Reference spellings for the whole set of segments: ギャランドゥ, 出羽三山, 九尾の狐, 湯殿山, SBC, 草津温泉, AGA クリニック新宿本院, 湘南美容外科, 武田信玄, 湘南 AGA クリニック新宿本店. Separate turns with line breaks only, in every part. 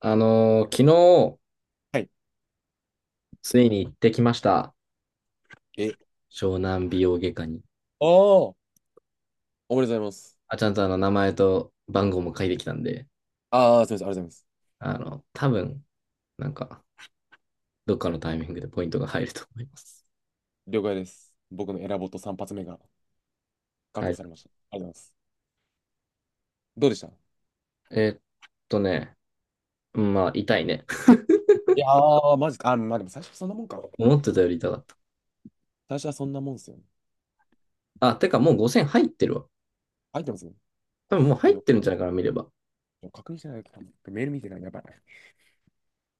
昨日、
はい。
ついに行ってきました。
え、
湘南美容外科に。
ああ、おめでとうございます。
あ、ちゃんと名前と番号も書いてきたんで、
ああ、すみません、ありがとうございます。
多分、なんか、どっかのタイミングでポイントが入ると思います。
了解です。僕のエラボット3発目が確
は
保
い。
されました。ありがとうございます。どうでした。い
えーっとね、うんまあ、痛いね。
やー、マジか。あ、まあでも最初そんなもんか。
思ってたより痛かった。
最初はそんなもんっすよね。
あ、てかもう5,000入ってるわ。
入ってますね。
多分もう入
や
っ
ば
てるんじゃないかな、見れば。
い、確認してないかな。メール見てない。やばい。あ、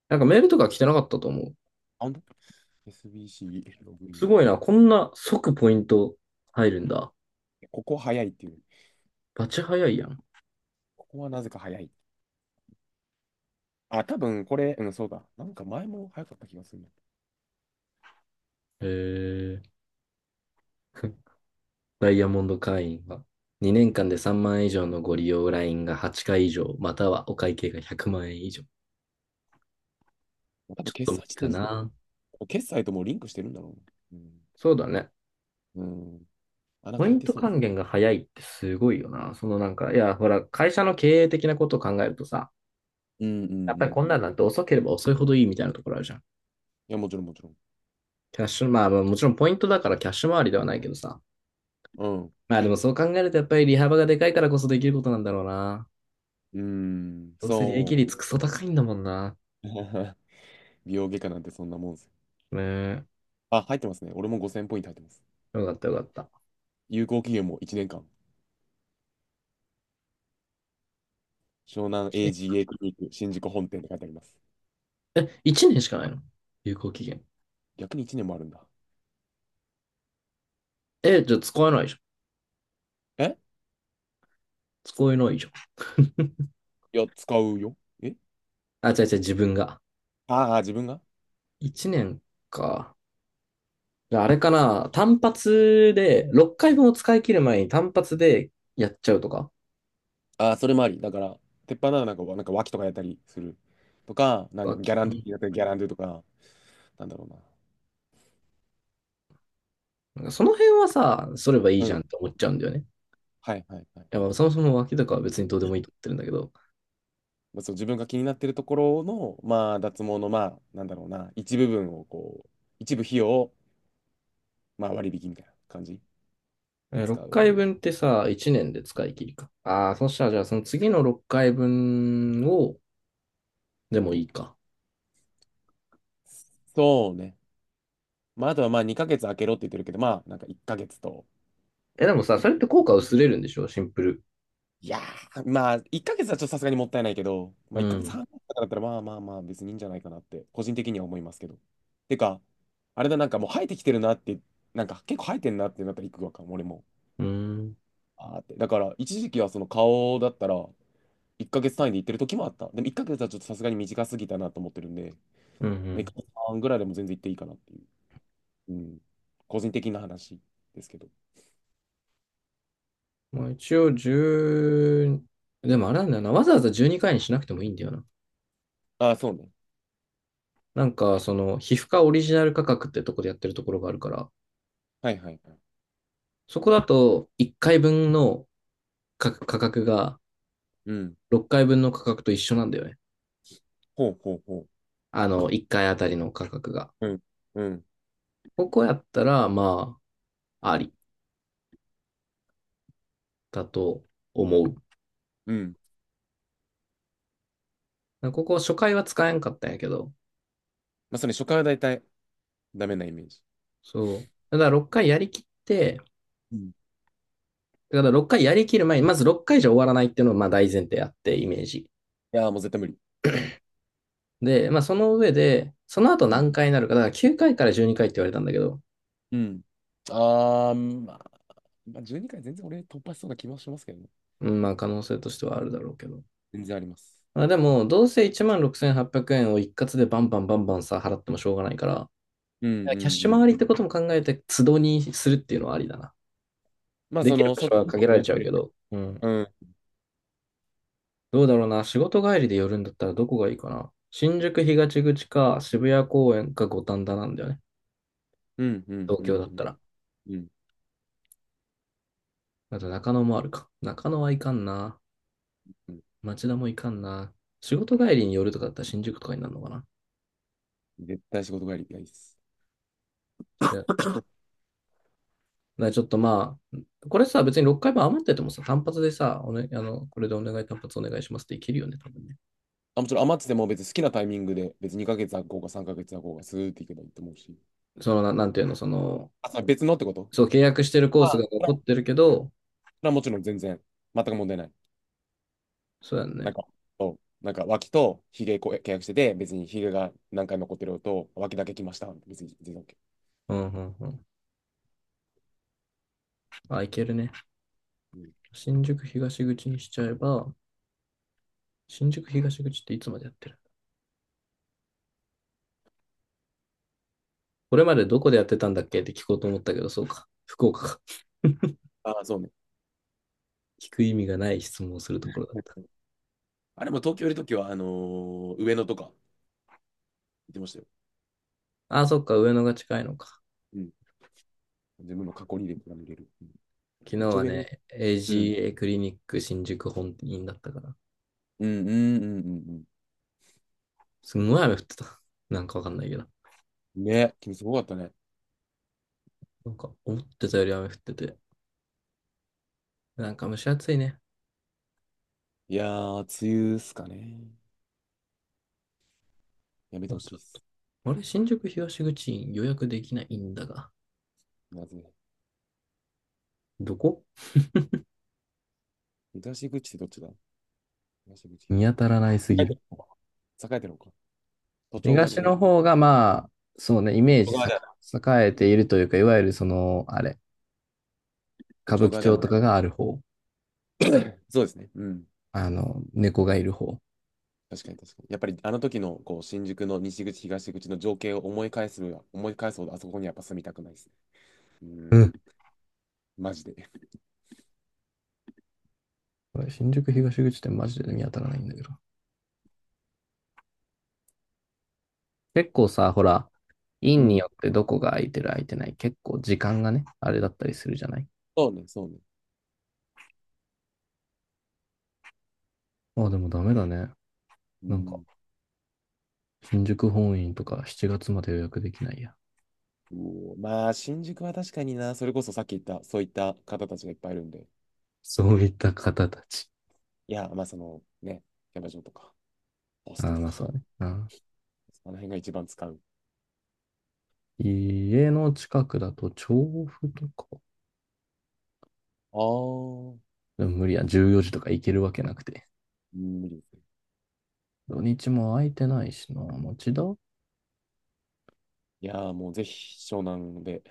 なんかメールとか来てなかったと思う。
ほんと ?SBC ログイ
す
ン。
ごいな、こんな即ポイント入るんだ。
ここ早いっていう。
バチ早いやん。
ここはなぜか早い。あ、多分これ、うん、そうだ。なんか前も早かった気がするな。
へえ。ダイヤモンド会員は、2年間で3万円以上のご利用ラインが8回以上、またはお会計が100万円以上。
多
ち
分
ょっと
決
無
済
理
地
か
点、
な。
決済ともうリンクしてるんだろう
そうだね。
な。うん。うん。あ、なん
ポ
か
イ
入っ
ン
て
ト
そう。
還元が早いってすごいよな。いや、ほら、会社の経営的なことを考えるとさ、
うんうんう
やっぱり
ん。
こんなんなんて遅ければ遅いほどいいみたいなところあるじゃん。
いや、もちろんもちろん。
キャッシュ、まあまあもちろんポイントだからキャッシュ回りではないけどさ。
うん。
まあでもそう考えるとやっぱり利幅がでかいからこそできることなんだろうな。
うーん、
どうせ利益
そ
率クソ高いんだもんな。
う。美容外科なんてそんなもんですよ。
ねえ。
あ、入ってますね。俺も5000ポイント入ってます。
よかったよかった。
有効期限も1年間。湘南 AGA クリニック新宿本店って書いてあります。
え、1年しかないの？有効期限。
逆に1年もあるんだ。
え、じゃあ使えないじゃん。
え、
使えないじゃん。
いや、使うよ。え、
あ、違う違う、自分が。
ああー、自分が、
1年か。じゃああれかな、単発で、6回分を使い切る前に単発でやっちゃうとか。
ああー、それもあり。だから、鉄板ならなんか、なんか脇とかやったりする。とか、なんかギ
脇、
ャラ
う
ンドゥ
ん。
やったりギャランドゥとか、なんだろうな。
なんかその辺はさ、そればいい
う
じゃ
ん。
んって思っちゃうんだよね。い
はいはいはい。
や、まあそもそも脇とかは別にどうでもいいと思ってるんだけど、
まあ、その自分が気になってるところの、まあ、脱毛の、まあ、なんだろうな、一部分をこう、一部費用を、まあ、割引みたいな感じ
え
で
ー6
使う。
回分ってさ、1年で使い切りか。ああ、そしたらじゃあその次の6回分を、でもいいか。
そうね。まあ、あとはまあ、2ヶ月空けろって言ってるけど、まあ、なんか1ヶ月と、
え、でもさ、
い、
それって効果
い
薄れるんでしょシンプル。
いやー、まあ、1ヶ月はちょっとさすがにもったいないけど、ま
う
あ、1ヶ月
ん。
半とかだったら、まあまあまあ、別にいいんじゃないかなって、個人的には思いますけど。てか、あれだ、なんかもう生えてきてるなって、なんか結構生えてんなってなったら行くわかも、俺も。
うん。
あーって。だから、一時期はその顔だったら、1ヶ月単位で行ってる時もあった。でも1ヶ月はちょっとさすがに短すぎたなと思ってるんで、
う
まあ、1
ん。
ヶ月半ぐらいでも全然行っていいかなっていう。うん。個人的な話ですけど。
まあ一応1。でもあれなんだよな。わざわざ12回にかいにしなくてもいいんだよな。
ああ、そうね。
皮膚科オリジナル価格ってとこでやってるところがあるから、
はいはいはい。
そこだと1回分の価格が
うん。
6回分の価格と一緒なんだよね。
ほうほうほ
1回あたりの価格が。
う。うん。うん。
ここやったら、まあ、ありだと思う。
うん。
ここ初回は使えんかったんやけど、
まあ、それ初回は大体ダメなイメージ。
そう。ただ6回やりきって、
うん。い
だから6回やりきる前に、まず6回じゃ終わらないっていうのがまあ大前提あって、イメージ。
やー、もう絶対無理。
で、まあその上で、その後
うん。
何回になるか、だから9回かいから12回って言われたんだけど、
うん。ああ、まあ、まあ、12回全然俺突破しそうな気もしますけどね。
うん、まあ可能性としてはあるだろうけど。
全然あります。
まあでも、どうせ16,800円を一括でバンバンバンバンさ、払ってもしょうがないから、
うんう
キャッ
ん
シ
う
ュ
ん。
回りってことも考えて、都度にするっていうのはありだな。
まあ、
で
そ
きる
の、
場所
外
は
の
限
こ
ら
と
れ
やっ
ちゃ
て
うけ
る。
ど、うん。
うん。
どうだろうな。仕事帰りで寄るんだったらどこがいいかな。新宿東口か渋谷公園か五反田なんだよね。
うんうん
東
う
京だ
ん
っ
う
たら。
ん。うん。
あと中野もあるか。中野はいかんな。町田もいかんな。仕事帰りに寄るとかだったら新宿とかになるのかな。
絶対仕事帰りたいです。
それだからちょっとまあ、これさ、別に6回分余っててもさ、単発でさ、おね、あの、これでお願い単発お願いしますっていけるよね、多分ね。
あ、もちろん余ってても別に好きなタイミングで、別に2ヶ月空こうか3ヶ月空こうか、スーっていけばいいと思うし。
なんていうの、
あ、それ別のってこと、
そう、契約してるコー
あ
ス
あ、
が
それ
残っ
は
てるけど、
それはもちろん全然、全く問題ない。
そうやん
な
ね。
んか、そう、なんか脇とひげこ契約してて、別にひげが何回も残ってるのと、脇だけ来ました。別に全然 OK。
うんうんうん。あ、いけるね。
うん、
新宿東口にしちゃえば、新宿東口っていつまでやってる、これまでどこでやってたんだっけって聞こうと思ったけど、そうか。福岡か。
ああ、そうね。
聞く意味がない質問をするところだった。
あれも東京いるときは、上野とか行ってましたよ。
あ、そっか、上野が近いのか。
うん。自分の過去にでも見れる。うん。
昨日
めっちゃ
は
上野。
ね、
うん。
AGA クリニック新宿本院だったから、
うんうんうんうん。
すんごい雨降ってた。なんかわかんないけど。
うん。ね、君すごかったね。
なんか思ってたより雨降ってて、なんか蒸し暑いね。
いやー、梅雨っすかね。やめてほしいっす。
あれ、新宿東口院予約できないんだが。
まずね。
どこ、
東口ってどっちだ。東口、
見
東
当
口。
たらないす
栄
ぎ
えて
る。
るのか。栄えてるのか。都庁側じゃ
東
ねえ。
の方が、まあ、そうね、イ
都
メー
庁
ジ
側
さ
だよな。
栄えているというか、いわゆるその、あれ、
都
歌舞
庁
伎
側だ
町
よな。
とかがある方、
そうですね。うん。
猫がいる方。
確かに確かに。やっぱりあの時のこう新宿の西口、東口の情景を思い返すのは、思い返すほどあそこにやっぱ住みたくないですね。う
う
ん。
ん。
マジで。
これ新宿東口ってマジで見当たらないんだけど。結構さ、ほら、
う
院に
ん。
よってどこが空いてる空いてない、結構時間がね、あれだったりするじゃない。
そうね、そうね。
あ、でもダメだね。
う
なんか、
ん。
新宿本院とか7月まで予約できないや。
うおまあ、新宿は確かにな、それこそさっき言った、そういった方たちがいっぱいいるんで。
そういった方たち。
いや、まあそのね、キャバ嬢とか、ホス
あ
ト
あ、
と
まあそ
か。
うね。うん。
あの辺が一番使う。
家の近くだと調布とか。
あー。
でも無理や、14時とか行けるわけなくて。
うん、無理ですね。
土日も空いてないしな。町田。
いやーもうぜひ湘南で。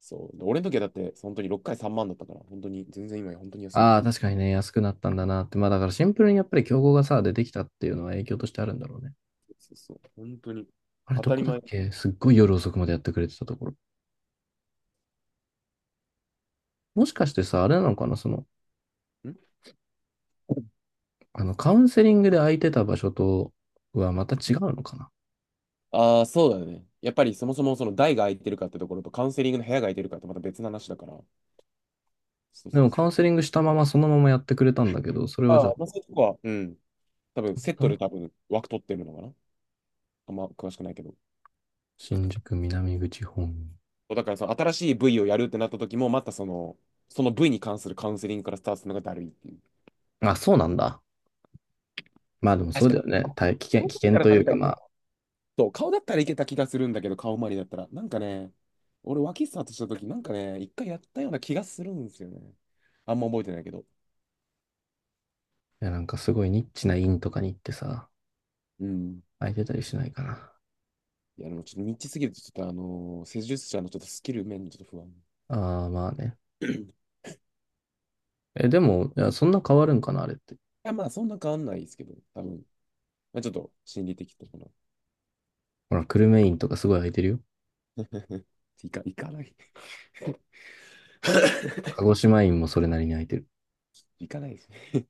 そう。で俺の時はだって本当に6回3万だったから、本当に全然今や本当に安い。
ああ、確かにね、安くなったんだなって。まあだからシンプルにやっぱり競合がさ、出てきたっていうのは影響としてあるんだろうね。
そうそう。本当に
あれ、
当
ど
たり
こだ
前。
っ
ん、
けすっごい夜遅くまでやってくれてたところ。もしかしてさ、あれなのかなカウンセリングで空いてた場所とはまた違うのかな。
ああー、そうだよね。やっぱりそもそもその台が空いてるかってところとカウンセリングの部屋が空いてるかってまた別の話だから。そう
で
そう
もカウ
そ
ン
う。
セリングしたままそのままやってくれたんだけど、それはじ
あ
ゃあ、
あ、まあそういうとこは、うん。多分セッ
た
ト
ま
で多分枠取ってるのかな。あんま詳しくないけど。
新宿南口本院。
そうだからその新しい部位をやるってなった時も、またその、その部位に関するカウンセリングからスタートするのがだるいっていう。
あ、そうなんだ。まあでもそ
確
う
か
だよ
に。
ね。大危険、
顔
危
だっ
険
たら
とい
確
う
か
か
に。
まあ、
そう、顔だったらいけた気がするんだけど、顔周りだったら。なんかね、俺、脇スタートした時なんかね、一回やったような気がするんですよね。あんま覚えてないけど。
いやなんかすごいニッチな院とかに行ってさ、
うん。
空いてたりしないかな。
いや、でもちょっとニッチすぎると、ちょっと施術者のちょっとスキル面にちょっと不安。
ああ、まあね。
い
え、でも、いや、そんな変わるんかな、あれって。
や、まあ、そんな変わんないですけど、多分。まあ、ちょっと心理的とかな。
ほら、久留米院とかすごい空いてるよ。
いか、いかない。
鹿児島院もそれなりに空いてる。
いかないですね。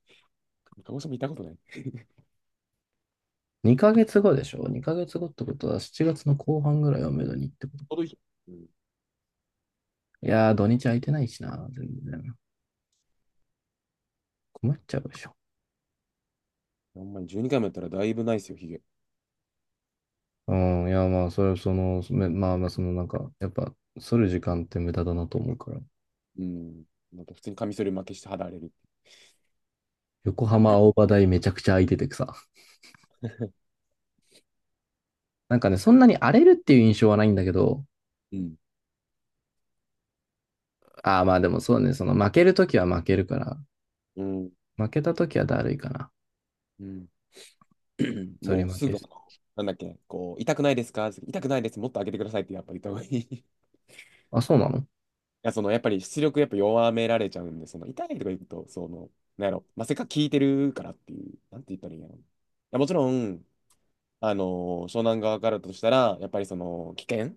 鹿児島行ったことない。ち
2ヶ月後でしょ？ 2 ヶ月後ってことは7月の後半ぐらいをめどにってことか。
ょうどいい。うん。
いやー、土日空いてないしな、全然。困っちゃうでしょ。
ほんまに12回もやったらだいぶないですよ、ヒゲ。
うん、いや、まあ、それはまあまあ、やっぱ、剃る時間って無駄だなと思うから。
うん。なんか普通にカミソリ負けして肌荒れる。
横浜青葉台めちゃくちゃ空いててさ。なんかね、そんなに荒れるっていう印象はないんだけど、
うん
ああ、まあでもそうね、その負けるときは負けるから、
うん
負けたときはだるいかな。
うん
反り
もう
負
す
け。
ぐ、なんだっけ、こう、痛くないですか？痛くないです。もっと上げてくださいってやっぱり言った方がいい。い
あ、そうなの？
や、その、やっぱり出力やっぱ弱められちゃうんで、その、痛いとか言うと、その、なんやろ、まあ、せっかく効いてるからっていう、なんて言ったらいいんやろ。いや、もちろん、あの湘南側からだとしたら、やっぱりその、危険、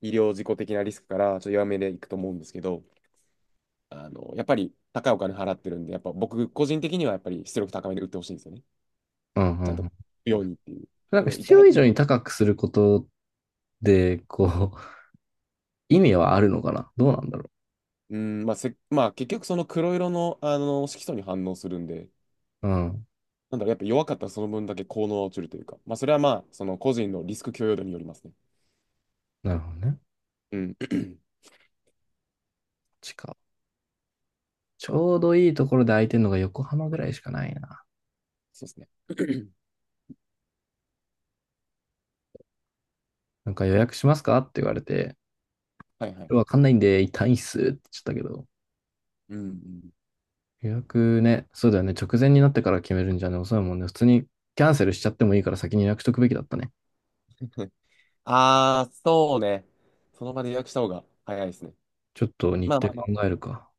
医療事故的なリスクから、ちょっと弱めでいくと思うんですけど、やっぱり高いお金払ってるんで、やっぱ僕個人的にはやっぱり出力高めで打ってほしいんですよね。
うんう
ち
ん
ゃん
う
と
ん。
ようにっていう。
なん
で
か
も
必
痛
要
い。
以上に高くすることで、こう、意味はあるのかなどうなんだろ
うん、まあせ、まあ結局その黒色の、あの色素に反応するんで、
う。うん。
なんだろう、やっぱ弱かったらその分だけ効能は落ちるというか、まあそれはまあ、その個人のリスク許容度によりますね。
なるほどね。
うん。
地下。ちょうどいいところで空いてるのが横浜ぐらいしかないな。
そうですね。
なんか予約しますかって言われて、
はいはい。
わかんないんで、痛いっすって言っちゃったけど。
うんうん。
予約ね、そうだよね。直前になってから決めるんじゃね、遅いもんね。普通にキャンセルしちゃってもいいから先に予約しとくべきだったね。
ああ、そうね。その場で予約した方が早いですね。
ちょっと日
まあ
程
ま
考
あ
えるか。